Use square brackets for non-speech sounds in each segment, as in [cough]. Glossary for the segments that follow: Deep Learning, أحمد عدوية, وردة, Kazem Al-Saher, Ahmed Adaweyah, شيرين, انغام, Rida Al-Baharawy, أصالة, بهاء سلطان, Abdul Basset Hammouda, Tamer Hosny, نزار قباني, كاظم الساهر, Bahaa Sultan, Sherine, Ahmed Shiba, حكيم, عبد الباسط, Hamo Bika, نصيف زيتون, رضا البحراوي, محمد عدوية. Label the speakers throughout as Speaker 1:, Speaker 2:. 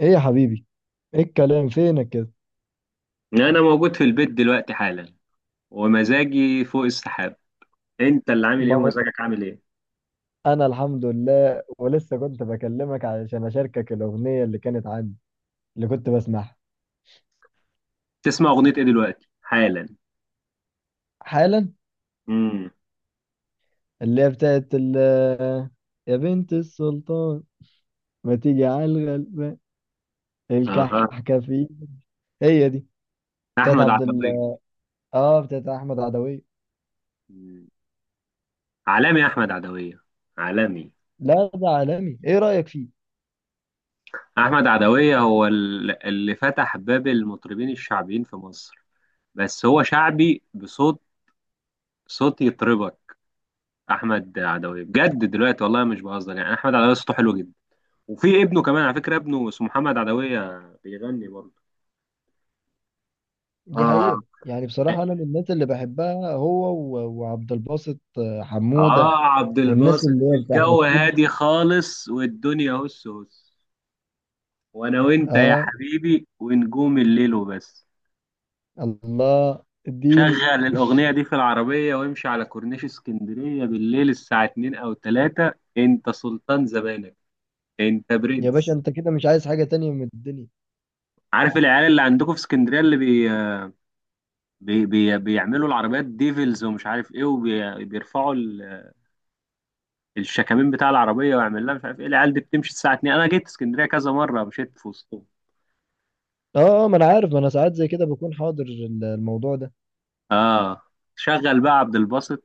Speaker 1: ايه يا حبيبي؟ ايه الكلام فينك كده؟
Speaker 2: انا موجود في البيت دلوقتي حالا، ومزاجي فوق السحاب. انت اللي عامل
Speaker 1: ما
Speaker 2: ايه
Speaker 1: هو
Speaker 2: ومزاجك عامل ايه؟
Speaker 1: انا الحمد لله، ولسه كنت بكلمك علشان اشاركك الاغنيه اللي كانت عندي، اللي كنت بسمعها
Speaker 2: تسمع اغنية ايه دلوقتي حالا؟
Speaker 1: حالا.
Speaker 2: امم
Speaker 1: اللي هي بتاعت ال يا بنت السلطان، ما تيجي على الغلبان،
Speaker 2: اها.
Speaker 1: الكحكفي. هي دي بتاعت
Speaker 2: احمد
Speaker 1: عبد ال،
Speaker 2: عدوية.
Speaker 1: اه بتاعت احمد عدويه.
Speaker 2: مم. عالمي احمد عدوية، عالمي.
Speaker 1: لا ده عالمي، ايه رايك فيه؟
Speaker 2: احمد عدوية هو اللي فتح باب المطربين الشعبيين في مصر، بس هو شعبي بصوت، صوت يطربك. احمد عدوية بجد دلوقتي والله مش بهزر، يعني احمد عدوية صوته حلو جدا، وفي ابنه كمان على فكرة، ابنه اسمه محمد عدوية بيغني برضه.
Speaker 1: دي
Speaker 2: اه.
Speaker 1: حقيقه، يعني بصراحه انا من الناس اللي بحبها هو و- وعبد الباسط حموده،
Speaker 2: اه، عبد
Speaker 1: والناس
Speaker 2: الباسط
Speaker 1: اللي هي بتاع احمد
Speaker 2: الجو
Speaker 1: شيبه.
Speaker 2: هادي خالص والدنيا هس هس. وانا وانت يا
Speaker 1: اه
Speaker 2: حبيبي ونجوم الليل وبس.
Speaker 1: الله اديني.
Speaker 2: شغل الاغنية دي في العربية وامشي على كورنيش اسكندرية بالليل الساعة 2 او 3، انت سلطان زمانك، انت
Speaker 1: يا باشا
Speaker 2: برنس.
Speaker 1: انت كده مش عايز حاجة تانية من الدنيا.
Speaker 2: عارف العيال اللي عندكم في اسكندرية اللي بيعملوا العربيات ديفلز ومش عارف ايه، وبيرفعوا الشكامين بتاع العربية ويعمل لها مش عارف ايه، العيال دي بتمشي الساعة 2، انا جيت اسكندرية كذا مرة مشيت في وسطهم.
Speaker 1: اه اه، ما انا عارف، ما انا ساعات زي كده بكون حاضر الموضوع ده.
Speaker 2: اه. شغل بقى عبد الباسط،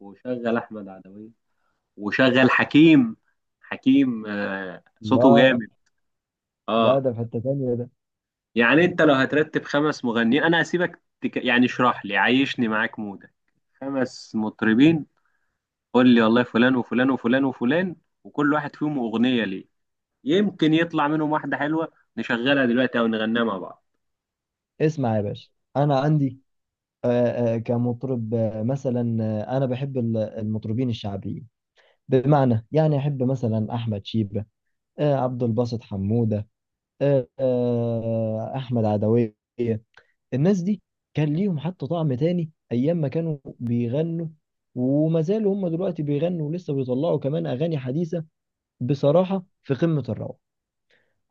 Speaker 2: وشغل احمد عدوية، وشغل حكيم. حكيم صوته
Speaker 1: الله،
Speaker 2: جامد.
Speaker 1: لا
Speaker 2: اه.
Speaker 1: ده في حتة تانية ده.
Speaker 2: يعني انت لو هترتب خمس مغنيين، انا هسيبك، يعني اشرح لي، عيشني معاك مودك. خمس مطربين، قول لي والله فلان وفلان وفلان وفلان، وكل واحد فيهم اغنية ليه، يمكن يطلع منهم واحدة حلوة نشغلها دلوقتي او نغنيها مع بعض.
Speaker 1: اسمع يا باشا، انا عندي كمطرب، مثلا انا بحب المطربين الشعبيين، بمعنى يعني احب مثلا احمد شيبة، عبد الباسط حمودة، احمد عدوية. الناس دي كان ليهم حتى طعم تاني ايام ما كانوا بيغنوا، وما زالوا هم دلوقتي بيغنوا، ولسه بيطلعوا كمان اغاني حديثه، بصراحه في قمه الروعه.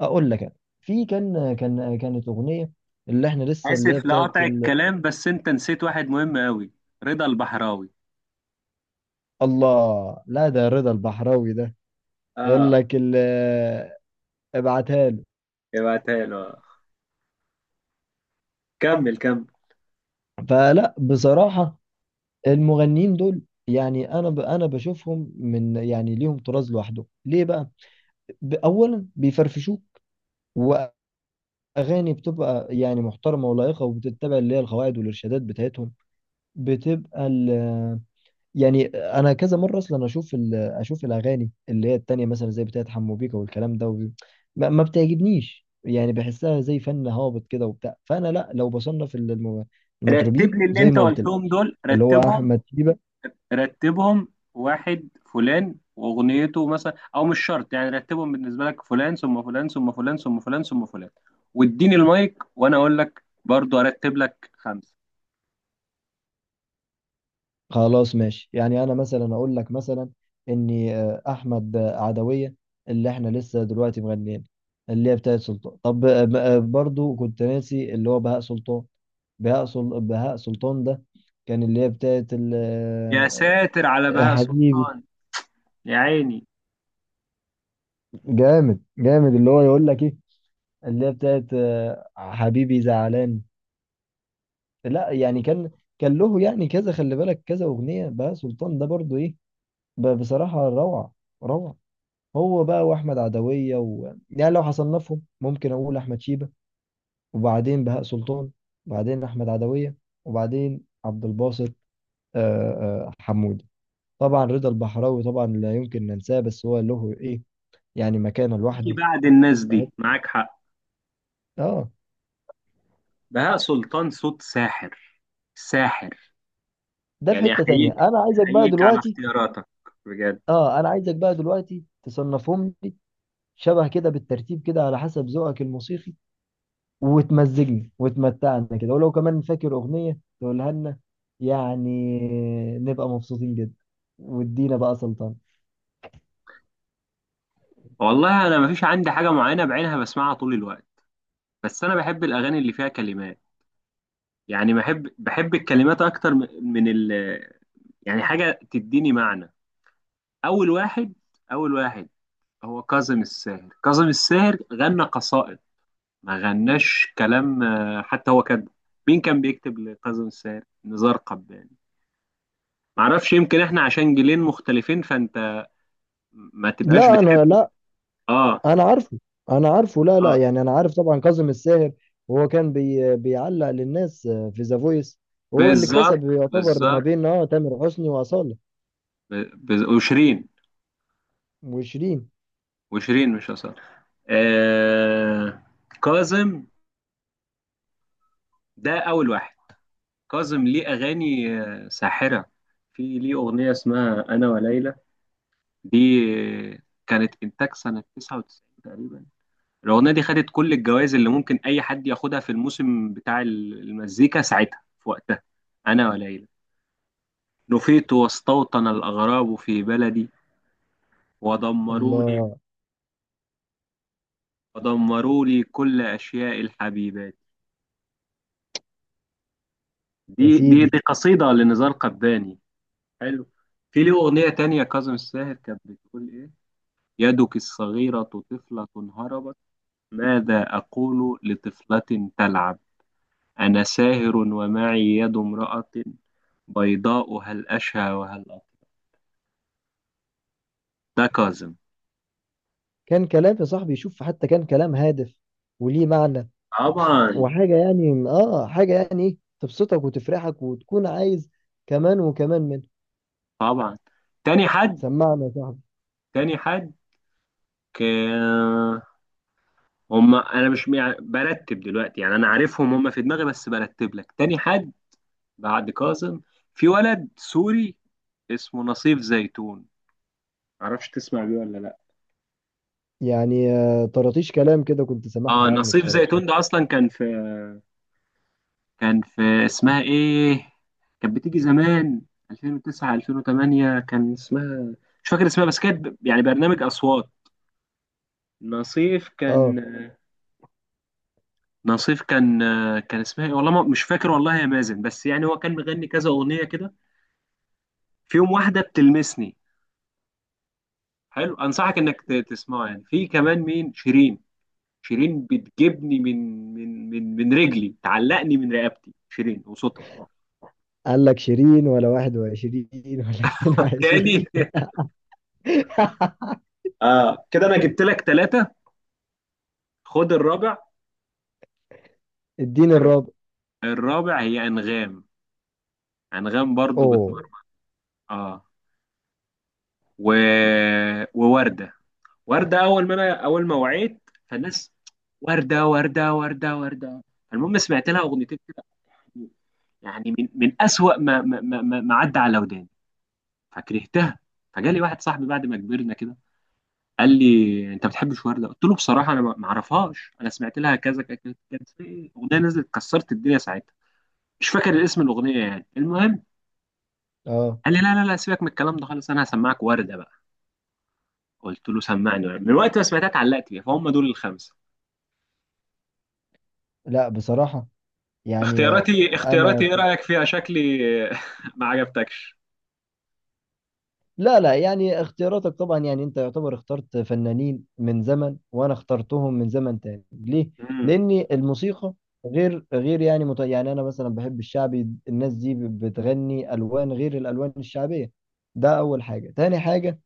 Speaker 1: اقول لك في كان كانت اغنيه اللي احنا لسه اللي هي
Speaker 2: اسف
Speaker 1: بتاعت
Speaker 2: لقطع
Speaker 1: ال...
Speaker 2: الكلام، بس انت نسيت واحد مهم قوي، رضا البحراوي.
Speaker 1: الله، لا ده رضا البحراوي ده يقول
Speaker 2: اه.
Speaker 1: لك ال... ابعتها له.
Speaker 2: ابعتها له. كمل كمل.
Speaker 1: فلا بصراحه المغنيين دول، يعني انا ب... انا بشوفهم من، يعني ليهم طراز لوحده. ليه بقى؟ اولا بيفرفشوك، اغاني بتبقى يعني محترمه ولائقه، وبتتبع اللي هي القواعد والارشادات بتاعتهم، بتبقى ال، يعني انا كذا مره اصلا اشوف ال اشوف الاغاني اللي هي التانية مثلا زي بتاعت حمو بيكا والكلام ده، وب... ما بتعجبنيش، يعني بحسها زي فن هابط كده وبتاع. فانا لا، لو بصنف
Speaker 2: رتب
Speaker 1: المطربين
Speaker 2: لي اللي
Speaker 1: زي
Speaker 2: انت
Speaker 1: ما قلت لك،
Speaker 2: قلتهم دول،
Speaker 1: اللي هو
Speaker 2: رتبهم.
Speaker 1: احمد شيبة.
Speaker 2: رتبهم، واحد فلان واغنيته مثلا، او مش شرط، يعني رتبهم بالنسبه لك، فلان ثم فلان ثم فلان ثم فلان ثم فلان، واديني المايك وانا اقول لك برضو ارتب لك خمسه.
Speaker 1: خلاص ماشي، يعني انا مثلا اقول لك، مثلا اني احمد عدوية اللي احنا لسه دلوقتي مغنيين، اللي هي بتاعت سلطان. طب برضو كنت ناسي اللي هو بهاء سلطان. بهاء سلطان ده كان اللي هي بتاعت ال...
Speaker 2: يا
Speaker 1: آه،
Speaker 2: ساتر على
Speaker 1: يا
Speaker 2: بهاء
Speaker 1: حبيبي،
Speaker 2: سلطان، يا عيني.
Speaker 1: جامد جامد. اللي هو يقول لك ايه؟ اللي هي بتاعت حبيبي زعلان. لا يعني كان له يعني كذا، خلي بالك كذا اغنية. بهاء سلطان ده برضو ايه؟ بصراحة روعة، روعة. هو بقى واحمد عدويه و... يعني لو حصنفهم ممكن اقول احمد شيبه، وبعدين بهاء سلطان، وبعدين احمد عدويه، وبعدين عبد الباسط، آه، حمودي. طبعا رضا البحراوي طبعا لا يمكن ننساه، بس هو له ايه؟ يعني مكانه
Speaker 2: تيجي
Speaker 1: لوحده.
Speaker 2: بعد الناس
Speaker 1: في حت-
Speaker 2: دي، معاك حق.
Speaker 1: اه،
Speaker 2: بهاء سلطان صوت ساحر، ساحر.
Speaker 1: ده في
Speaker 2: يعني
Speaker 1: حته تانية.
Speaker 2: احييك،
Speaker 1: انا عايزك بقى
Speaker 2: احييك على
Speaker 1: دلوقتي،
Speaker 2: اختياراتك، بجد.
Speaker 1: اه انا عايزك بقى دلوقتي تصنفهم لي شبه كده بالترتيب كده، على حسب ذوقك الموسيقي، وتمزجني وتمتعنا كده، ولو كمان فاكر أغنية تقولها لنا، يعني نبقى مبسوطين جدا، وادينا بقى سلطان.
Speaker 2: والله انا مفيش عندي حاجه معينه بعينها بسمعها طول الوقت، بس انا بحب الاغاني اللي فيها كلمات، يعني بحب بحب الكلمات اكتر من يعني حاجه تديني معنى. اول واحد، اول واحد هو كاظم الساهر. كاظم الساهر غنى قصائد، ما غناش كلام، حتى هو كاتبه. مين كان بيكتب لكاظم الساهر؟ نزار قباني. معرفش، يمكن احنا عشان جيلين مختلفين، فانت ما تبقاش
Speaker 1: لا
Speaker 2: بتحب.
Speaker 1: انا لا،
Speaker 2: اه.
Speaker 1: انا عارفه، انا عارفه، لا لا،
Speaker 2: اه،
Speaker 1: يعني انا عارف طبعا كاظم الساهر، وهو كان بيعلق للناس في ذا فويس، وهو اللي
Speaker 2: بالظبط،
Speaker 1: كسب، يعتبر ما
Speaker 2: بالظبط،
Speaker 1: بين اه تامر حسني واصاله
Speaker 2: وشيرين.
Speaker 1: وشيرين.
Speaker 2: وشيرين، مش أصالة. آه... كاظم، ده أول واحد. كاظم ليه أغاني ساحرة. في ليه أغنية اسمها أنا وليلى، دي آه، كانت إنتاج سنة 99 تقريبا. الأغنية دي خدت كل الجوائز اللي ممكن أي حد ياخدها في الموسم بتاع المزيكا ساعتها في وقتها. أنا وليلى، نفيت واستوطن الأغراب في بلدي، ودمروا لي،
Speaker 1: الله،
Speaker 2: ودمروا لي كل أشياء الحبيبات.
Speaker 1: يا
Speaker 2: دي دي
Speaker 1: سيدي،
Speaker 2: دي قصيدة لنزار قباني. حلو. في له أغنية تانية كاظم الساهر كانت بتقول إيه: يدك الصغيرة طفلة هربت، ماذا أقول لطفلة تلعب، أنا ساهر ومعي يد امرأة بيضاء، هل أشهى وهل أطلع. ده كاظم.
Speaker 1: كان كلام يا صاحبي، شوف حتى كان كلام هادف وليه معنى،
Speaker 2: طبعا.
Speaker 1: وحاجة يعني اه حاجة يعني ايه، تبسطك وتفرحك وتكون عايز كمان وكمان منها.
Speaker 2: طبعا. تاني حد،
Speaker 1: سمعنا يا صاحبي.
Speaker 2: تاني حد، ك- هم انا مش مع- برتب دلوقتي، يعني انا عارفهم هم في دماغي، بس برتب لك. تاني حد بعد كاظم، في ولد سوري اسمه نصيف زيتون، معرفش تسمع بيه ولا لا.
Speaker 1: يعني آه طراطيش كلام كده كنت
Speaker 2: اه،
Speaker 1: سامعها عنه
Speaker 2: نصيف
Speaker 1: بصراحة.
Speaker 2: زيتون ده اصلا كان في، كان في اسمها ايه، كانت بتيجي زمان، 2009 2008 كان اسمها، مش فاكر اسمها، بس كانت يعني برنامج اصوات. نصيف
Speaker 1: اه
Speaker 2: كان، نصيف كان، كان اسمها ايه والله ما مش فاكر، والله يا مازن، بس يعني هو كان مغني كذا اغنيه كده، في يوم واحده بتلمسني، حلو انصحك انك تسمعه. يعني في كمان مين، شيرين. شيرين بتجيبني من، من من من رجلي، تعلقني من رقبتي، شيرين وصوتها.
Speaker 1: قال لك شيرين ولا واحد وعشرين [laughs] ولا اتنين وعشرين؟
Speaker 2: تاني.
Speaker 1: [laughs]
Speaker 2: اه، كده انا جبت لك ثلاثة، خد الرابع.
Speaker 1: الدين
Speaker 2: الر-
Speaker 1: الرابع.
Speaker 2: الرابع هي انغام، انغام برضو بتمر.
Speaker 1: اوه،
Speaker 2: اه، و... ووردة. وردة اول ما انا، اول ما وعيت فالناس، وردة وردة وردة وردة. المهم سمعت لها اغنيتين كده، يعني من اسوأ ما عدى على وداني، فكرهتها. فجالي واحد صاحبي بعد ما كبرنا كده، قال لي انت ما بتحبش ورده، قلت له بصراحه انا ما اعرفهاش، انا سمعت لها كذا كذا كذا، كانت في اغنيه نزلت كسرت الدنيا ساعتها، مش فاكر الاسم الاغنيه يعني المهم.
Speaker 1: اه.
Speaker 2: قال لي لا لا لا، سيبك من الكلام ده خالص، انا هسمعك ورده بقى. قلت له سمعني ورده، من وقت ما سمعتها اتعلقت بيها، فهم دول الخمسه.
Speaker 1: لا بصراحة، يعني
Speaker 2: اختياراتي،
Speaker 1: انا،
Speaker 2: اختياراتي ايه رايك فيها شكلي؟ [laughs] ما عجبتكش؟
Speaker 1: لا لا، يعني اختياراتك طبعا، يعني انت يعتبر اخترت فنانين من زمن، وانا اخترتهم من زمن تاني. ليه؟
Speaker 2: امم
Speaker 1: لان الموسيقى غير يعني مت... يعني انا مثلا بحب الشعبي، الناس دي بتغني الوان غير الالوان الشعبيه. ده اول حاجه. تاني حاجه،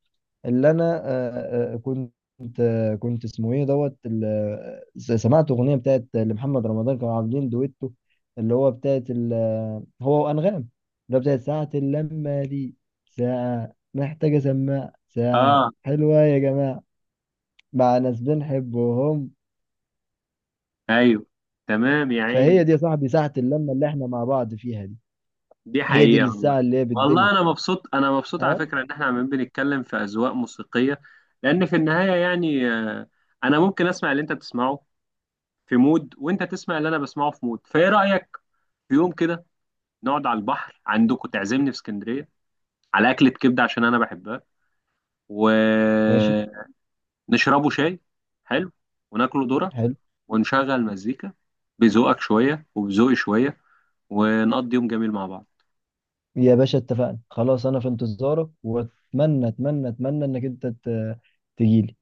Speaker 1: اللي انا كنت كنت اسمه ايه دوت سمعت اغنيه بتاعت لمحمد رمضان كانوا عاملين دويتو، اللي هو بتاعت هو وانغام، اللي هو بتاعت ساعه اللمه دي، ساعه محتاجه سماع، ساعه
Speaker 2: اه،
Speaker 1: حلوه يا جماعه مع ناس بنحبهم.
Speaker 2: ايوه، تمام يا
Speaker 1: فهي
Speaker 2: عيني.
Speaker 1: دي يا صاحبي ساعه اللمه اللي احنا مع بعض فيها دي،
Speaker 2: دي
Speaker 1: هي دي
Speaker 2: حقيقه والله.
Speaker 1: الساعه اللي هي
Speaker 2: والله
Speaker 1: بالدنيا.
Speaker 2: انا مبسوط، انا مبسوط على
Speaker 1: اه،
Speaker 2: فكره، ان احنا عمالين بنتكلم في اذواق موسيقيه، لان في النهايه يعني انا ممكن اسمع اللي انت بتسمعه في مود، وانت تسمع اللي انا بسمعه في مود، فايه رايك في يوم كده نقعد على البحر عندكم، تعزمني في اسكندريه على اكله كبده عشان انا بحبها،
Speaker 1: ماشي،
Speaker 2: ونشربه شاي، حلو، وناكله ذره،
Speaker 1: حلو.
Speaker 2: ونشغل مزيكا بذوقك شويه وبذوقي شويه، ونقضي يوم جميل مع بعض.
Speaker 1: يا باشا اتفقنا، خلاص انا في انتظارك، واتمنى اتمنى اتمنى انك انت تجيلي.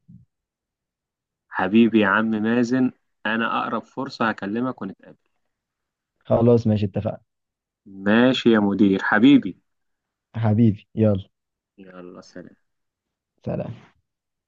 Speaker 2: حبيبي يا عم مازن، انا اقرب فرصه هكلمك ونتقابل.
Speaker 1: خلاص ماشي اتفقنا.
Speaker 2: ماشي يا مدير حبيبي،
Speaker 1: حبيبي يلا،
Speaker 2: يلا سلام.
Speaker 1: سلام.